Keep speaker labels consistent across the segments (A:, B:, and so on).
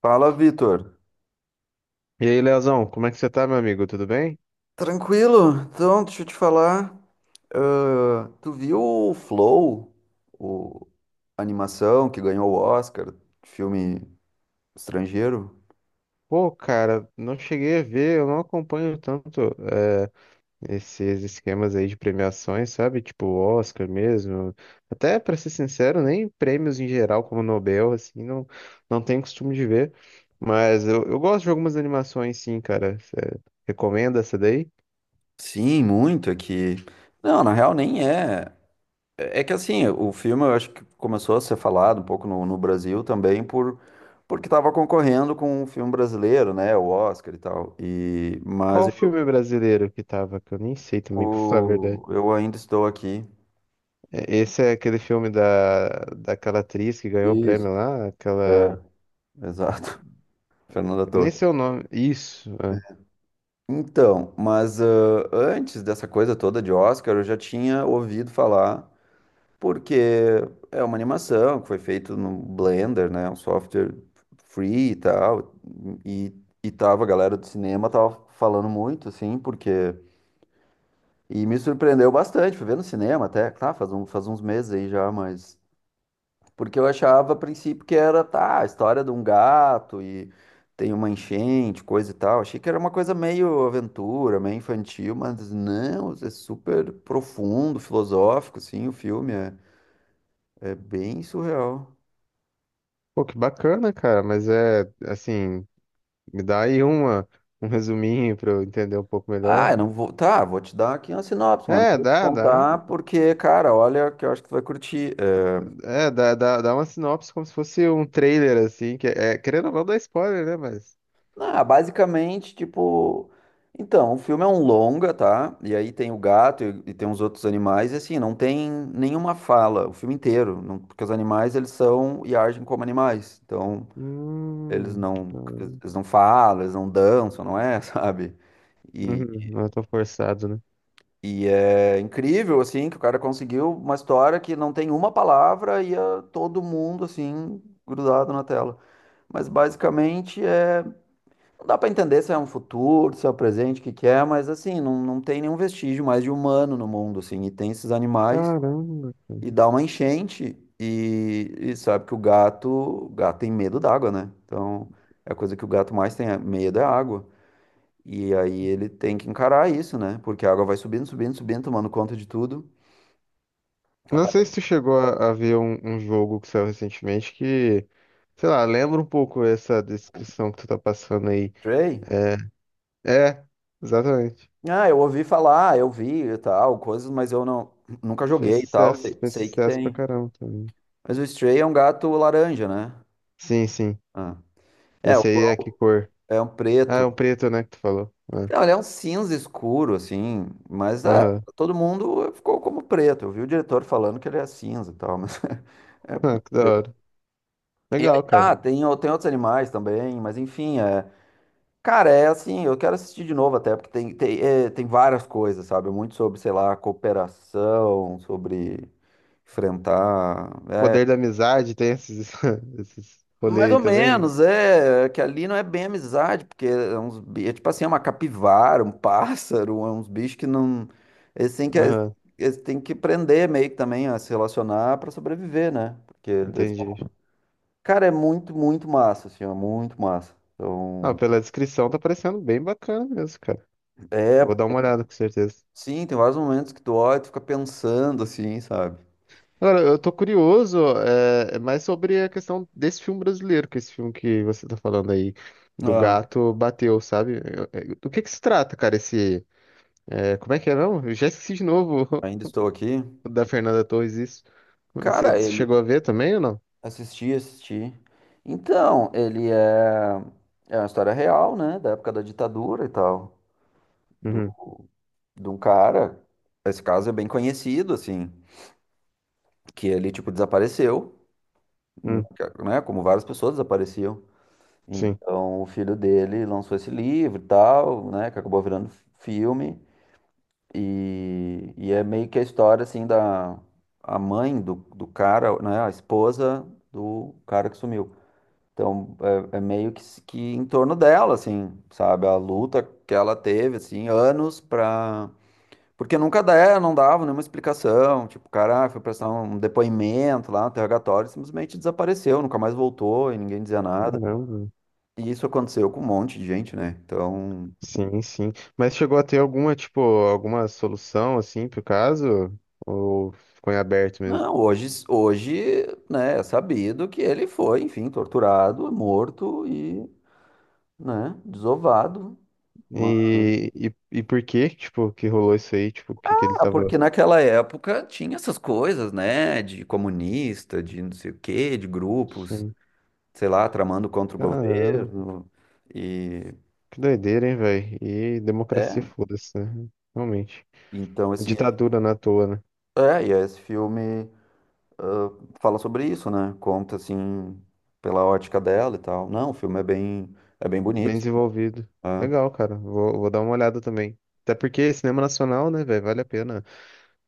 A: Fala, Vitor.
B: E aí, Leozão, como é que você tá, meu amigo? Tudo bem?
A: Tranquilo? Então, deixa eu te falar. Ah, tu viu o Flow, o a animação que ganhou o Oscar, filme estrangeiro?
B: Pô, cara, não cheguei a ver, eu não acompanho tanto esses esquemas aí de premiações, sabe? Tipo Oscar mesmo. Até, pra ser sincero, nem prêmios em geral, como Nobel, assim, não, não tenho costume de ver. Mas eu gosto de algumas animações, sim, cara. Você recomenda essa daí?
A: Sim, muito. Aqui. Não, na real, nem é. É que assim, o filme eu acho que começou a ser falado um pouco no Brasil também por. Porque estava concorrendo com um filme brasileiro, né? O Oscar e tal. E... Mas
B: Qual
A: eu,
B: filme brasileiro que tava? Que eu nem sei também, pra falar a verdade.
A: eu ainda estou aqui.
B: Esse é aquele filme daquela atriz que ganhou o
A: Isso.
B: prêmio lá, aquela.
A: É, exato. Fernanda
B: Eu nem
A: Torres.
B: sei o nome. Isso. É.
A: Então, mas antes dessa coisa toda de Oscar, eu já tinha ouvido falar, porque é uma animação que foi feita no Blender, né? Um software free e tal. E, e tava, a galera do cinema tava falando muito, assim, porque. E me surpreendeu bastante, fui ver no cinema até, tá, faz um, faz uns meses aí já, mas. Porque eu achava a princípio que era, tá, a história de um gato e tem uma enchente, coisa e tal. Achei que era uma coisa meio aventura, meio infantil, mas não, é super profundo, filosófico, sim, o filme é, é bem surreal.
B: Pô, que bacana, cara. Mas é assim, me dá aí uma, um resuminho pra eu entender um pouco
A: Ah,
B: melhor.
A: eu não vou. Tá, vou te dar aqui uma sinopse, mano. Não
B: É,
A: vou te
B: dá, dá.
A: contar porque, cara, olha que eu acho que tu vai curtir.
B: É, dá uma sinopse como se fosse um trailer, assim, que é, querendo ou não, dá spoiler, né? Mas.
A: Ah, basicamente, tipo. Então, o filme é um longa, tá? E aí tem o gato e tem uns outros animais, e assim, não tem nenhuma fala, o filme inteiro, não- porque os animais, eles são e agem como animais. Então, eles
B: Hum.
A: não,
B: Não,
A: eles não falam, eles não dançam, não é, sabe? E,
B: uhum, não é tão forçado, né?
A: e é incrível, assim, que o cara conseguiu uma história que não tem uma palavra e é todo mundo, assim, grudado na tela. Mas basicamente é Não dá pra entender se é um futuro, se é o presente, o que que é, mas assim, não tem nenhum vestígio mais de humano no mundo, assim, e tem esses animais,
B: Caramba, cara.
A: e dá uma enchente, e sabe que o gato tem medo d'água, né? Então, a coisa que o gato mais tem medo é água, e aí ele tem que encarar isso, né? Porque a água vai subindo, subindo, subindo, tomando conta de tudo.
B: Não
A: Aparece
B: sei
A: o
B: se tu chegou a ver um jogo que saiu recentemente que, sei lá, lembra um pouco essa descrição que tu tá passando aí.
A: Stray.
B: É, é, exatamente.
A: Ah, eu ouvi falar, eu vi e tal, coisas, mas eu não, nunca joguei e tal, sei,
B: Fez
A: sei que
B: sucesso pra
A: tem.
B: caramba também.
A: Mas o Stray é um gato laranja, né?
B: Sim, sim.
A: Ah. É, o
B: Esse aí
A: clã
B: é que cor?
A: é um
B: Ah, é
A: preto.
B: um preto, né, que tu falou. Ah,
A: Não, ele é um cinza escuro, assim, mas é,
B: aham.
A: todo mundo ficou como preto. Eu vi o diretor falando que ele é cinza e tal, mas é
B: Ah, que da
A: preto.
B: hora.
A: E aí
B: Legal, cara.
A: tá, tem, tem outros animais também, mas enfim, é. Cara, é assim, eu quero assistir de novo até, porque tem várias coisas, sabe? Muito sobre, sei lá, cooperação, sobre enfrentar.
B: Poder da amizade tem esses, esses rolê
A: Mais
B: aí
A: ou
B: também?
A: menos, é, que ali não é bem amizade, porque é uns, é tipo assim, é uma capivara, um pássaro, é uns bichos que não, eles têm que,
B: Aham,
A: eles têm que aprender meio que também a se relacionar para sobreviver, né? Porque, eles-
B: entendi.
A: cara, é muito, muito massa, assim, é muito massa.
B: Ah,
A: Então,
B: pela descrição tá parecendo bem bacana mesmo, cara.
A: é,
B: Vou dar uma olhada, com certeza.
A: sim, tem vários momentos que tu olha e tu fica pensando, assim, sabe?
B: Agora, eu tô curioso, mais sobre a questão desse filme brasileiro, que esse filme que você tá falando aí, do
A: Ah,
B: gato bateu, sabe? Do que se trata, cara, esse. É, como é que é mesmo? Eu já esqueci de novo.
A: ainda estou aqui.
B: O da Fernanda Torres, isso. Você
A: Cara, ele,
B: chegou a ver também ou não?
A: Assisti. Então, ele é, é uma história real, né? Da época da ditadura e tal. Do,
B: Uhum.
A: de um cara. Esse caso é bem conhecido, assim. Que ele, tipo, desapareceu,
B: Hum,
A: né? Como várias pessoas desapareciam.
B: sim.
A: Então, o filho dele lançou esse livro e tal, né? Que acabou virando filme. E é meio que a história, assim, da a mãe do cara, né? A esposa do cara que sumiu. Então, é, é meio que em torno dela, assim, sabe? A luta que ela teve, assim, anos pra. Porque nunca dá, não dava nenhuma explicação. Tipo, o cara ah, foi prestar um depoimento lá no interrogatório, e simplesmente desapareceu, nunca mais voltou e ninguém dizia nada.
B: Caramba.
A: E isso aconteceu com um monte de gente, né? Então,
B: Sim, sim. Mas chegou a ter alguma, tipo, alguma solução, assim, pro caso? Ou ficou em aberto mesmo?
A: não, hoje, né, é sabido que ele foi, enfim, torturado, morto e, né, desovado.
B: E por que, tipo, que rolou isso aí? Tipo, que ele
A: Ah,
B: tava...
A: porque naquela época tinha essas coisas, né? De comunista, de não sei o quê, de grupos,
B: Sim.
A: sei lá, tramando contra o
B: Caramba.
A: governo. E
B: Que doideira, hein, velho? E democracia,
A: é,
B: foda-se, né? Realmente.
A: então esse,
B: Ditadura na toa, né?
A: e esse filme ah, fala sobre isso, né? Conta assim pela ótica dela e tal. Não, o filme é bem
B: Bem
A: bonito.
B: desenvolvido.
A: Né?
B: Legal, cara. Vou dar uma olhada também. Até porque cinema nacional, né, velho, vale a pena.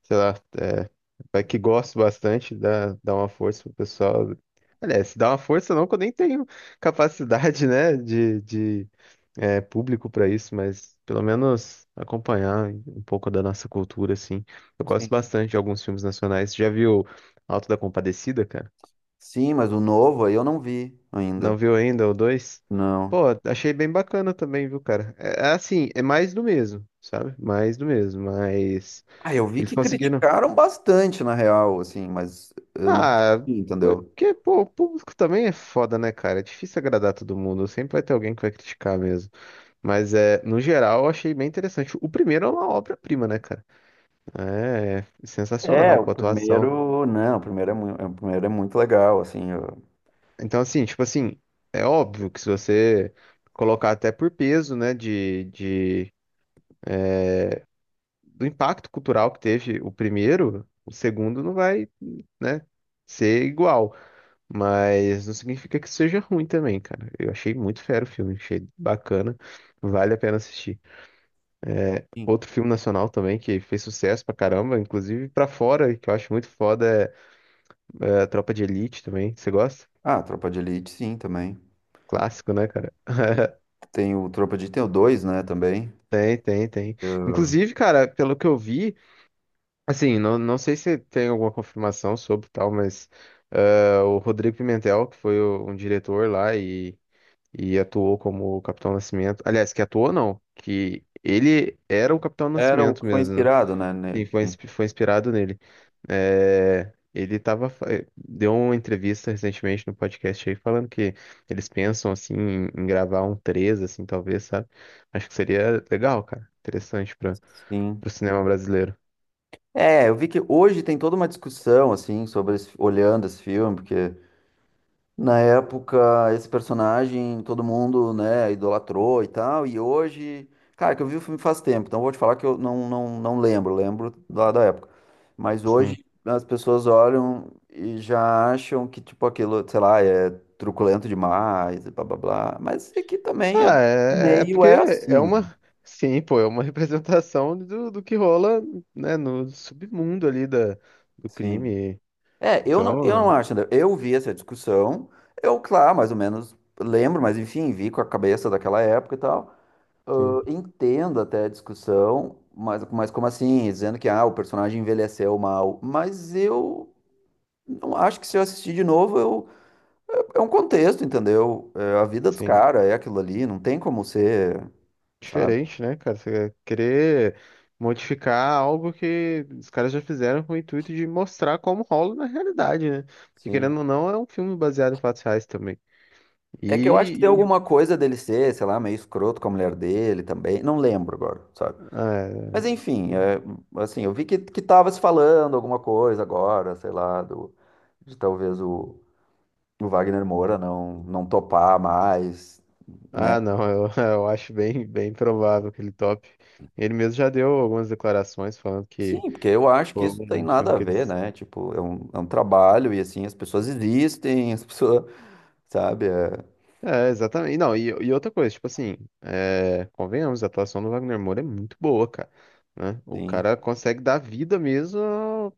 B: Sei lá, é, vai que gosto bastante, dá uma força pro pessoal. Aliás, dá uma força não, que eu nem tenho capacidade, né, de é, público pra isso, mas pelo menos acompanhar um pouco da nossa cultura, assim. Eu gosto
A: Sim.
B: bastante de alguns filmes nacionais. Já viu Alto da Compadecida, cara?
A: Sim, mas o novo aí eu não vi ainda.
B: Não viu ainda o dois? Pô,
A: Não.
B: achei bem bacana também, viu, cara? É, é assim, é mais do mesmo, sabe? Mais do mesmo, mas
A: Ah, eu vi
B: eles
A: que
B: conseguiram.
A: criticaram bastante, na real, assim, mas eu não
B: Ah, é
A: vi, entendeu?
B: porque, pô, o público também é foda, né, cara? É difícil agradar todo mundo, sempre vai ter alguém que vai criticar mesmo. Mas é, no geral, eu achei bem interessante. O primeiro é uma obra-prima, né, cara? É,
A: É,
B: sensacional, pô,
A: o
B: a atuação.
A: primeiro, não, o primeiro é, o primeiro é muito legal, assim. Eu-
B: Então, assim, tipo assim, é óbvio que se você colocar até por peso, né, de do impacto cultural que teve o primeiro, o segundo não vai, né, ser igual. Mas não significa que seja ruim também, cara. Eu achei muito fera o filme, achei bacana, vale a pena assistir.
A: Sim.
B: Outro filme nacional também que fez sucesso pra caramba, inclusive pra fora, que eu acho muito foda, é, é a Tropa de Elite também. Você gosta?
A: Ah, Tropa de Elite, sim, também.
B: Clássico, né, cara?
A: Tem o Tropa de Elite, tem o 2 né, também.
B: Tem, tem, tem. Inclusive, cara, pelo que eu vi, assim, não, não sei se tem alguma confirmação sobre tal, mas ah, o Rodrigo Pimentel, que foi um diretor lá e atuou como o Capitão Nascimento. Aliás, que atuou não, que ele era o Capitão
A: Era o
B: Nascimento
A: que foi
B: mesmo, né?
A: inspirado, né,
B: E
A: nele.
B: foi, foi inspirado nele. É, ele tava, deu uma entrevista recentemente no podcast aí falando que eles pensam assim em gravar um 3 assim, talvez, sabe? Acho que seria legal, cara. Interessante para
A: Sim.
B: o cinema brasileiro.
A: É, eu vi que hoje tem toda uma discussão, assim, sobre esse- olhando esse filme, porque Na época, esse personagem todo mundo, né, idolatrou e tal. E hoje, cara, que eu vi o filme faz tempo, então vou te falar que eu não, não, não lembro, lembro lá da época. Mas
B: Sim.
A: hoje as pessoas olham e já acham que, tipo, aquilo, sei lá, é truculento demais, e blá blá blá. Mas aqui também é
B: Ah, é, é
A: meio
B: porque
A: é
B: é
A: assim, né?
B: uma. Sim, pô, é uma representação do, do que rola, né, no submundo ali da, do
A: Sim.
B: crime.
A: É, eu não
B: Então,
A: acho, André. Eu vi essa discussão, eu, claro, mais ou menos lembro, mas enfim, vi com a cabeça daquela época e tal.
B: sim,
A: Eu entendo até a discussão, mas como assim? Dizendo que ah, o personagem envelheceu mal. Mas eu não acho que se eu assistir de novo, eu, é um contexto, entendeu? É a vida dos
B: sim.
A: caras é aquilo ali, não tem como ser, sabe?
B: Diferente, né, cara? Você querer modificar algo que os caras já fizeram com o intuito de mostrar como rola na realidade, né? Porque,
A: Sim.
B: querendo ou não, é um filme baseado em fatos reais também.
A: É que eu acho que tem
B: E um.
A: alguma coisa dele ser, sei lá, meio escroto com a mulher dele também. Não lembro agora, sabe?
B: Ah,
A: Mas enfim,
B: é.
A: é, assim, eu vi que tava se falando alguma coisa agora, sei lá, do, de talvez o Wagner Moura não topar mais, né?
B: Ah, não, eu, eu acho bem, bem provável que ele top. Ele mesmo já deu algumas declarações falando que.
A: Sim, porque eu acho que
B: Pô,
A: isso tem
B: um filme
A: nada a
B: que
A: ver,
B: eles.
A: né? Tipo, é um trabalho e assim, as pessoas, sabe? É,
B: É, exatamente. Não, e outra coisa, tipo assim, é, convenhamos, a atuação do Wagner Moura é muito boa, cara. Né? O
A: sim.
B: cara consegue dar vida mesmo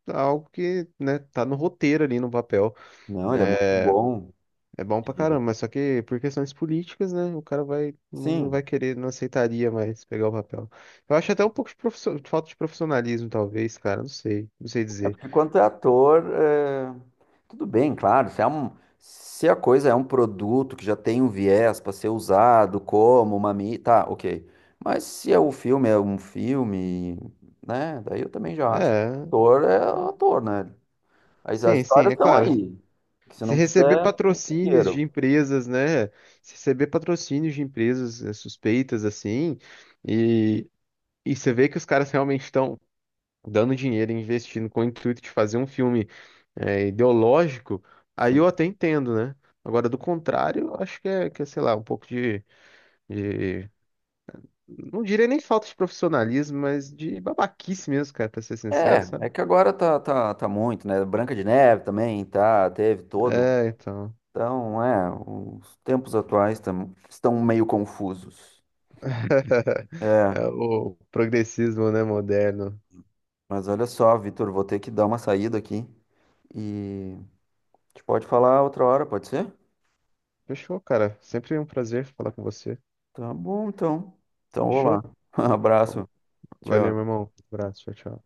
B: a algo que, né, tá no roteiro ali no papel.
A: Não, ele é muito
B: É,
A: bom.
B: é bom pra
A: E,
B: caramba, mas só que por questões políticas, né, o cara vai, não
A: sim,
B: vai querer, não aceitaria mais pegar o papel. Eu acho até um pouco de falta de profissionalismo, talvez, cara, não sei, não sei
A: É
B: dizer.
A: porque quanto é ator, é, tudo bem, claro. Se, se a coisa é um produto que já tem um viés para ser usado como uma mídia, tá, ok. Mas se é o filme é um filme, né? Daí eu também já acho que
B: É,
A: ator é ator, né? As
B: sim, sim,
A: histórias
B: é
A: estão
B: claro,
A: aí. Que se
B: se
A: não
B: receber
A: quiser, não
B: patrocínios de
A: quero.
B: empresas, né? Se receber patrocínios de empresas suspeitas, assim, e, e você vê que os caras realmente estão dando dinheiro, investindo com o intuito de fazer um filme ideológico, aí eu
A: Sim.
B: até entendo, né? Agora, do contrário, eu acho que é, sei lá, um pouco de- Não diria nem falta de profissionalismo, mas de babaquice mesmo, cara, pra ser sincero, sabe?
A: É, é que agora tá muito, né? Branca de Neve também, tá, teve todo.
B: É, então.
A: Então, é, os tempos atuais tam- estão meio confusos. É,
B: É o progressismo, né, moderno.
A: mas olha só, Vitor, vou ter que dar uma saída aqui e a gente pode falar outra hora, pode ser?
B: Fechou, cara. Sempre um prazer falar com você.
A: Tá bom, então. Então, vou lá.
B: Fechou? Então,
A: Abraço.
B: valeu, meu
A: Tchau.
B: irmão. Abraço, tchau, tchau.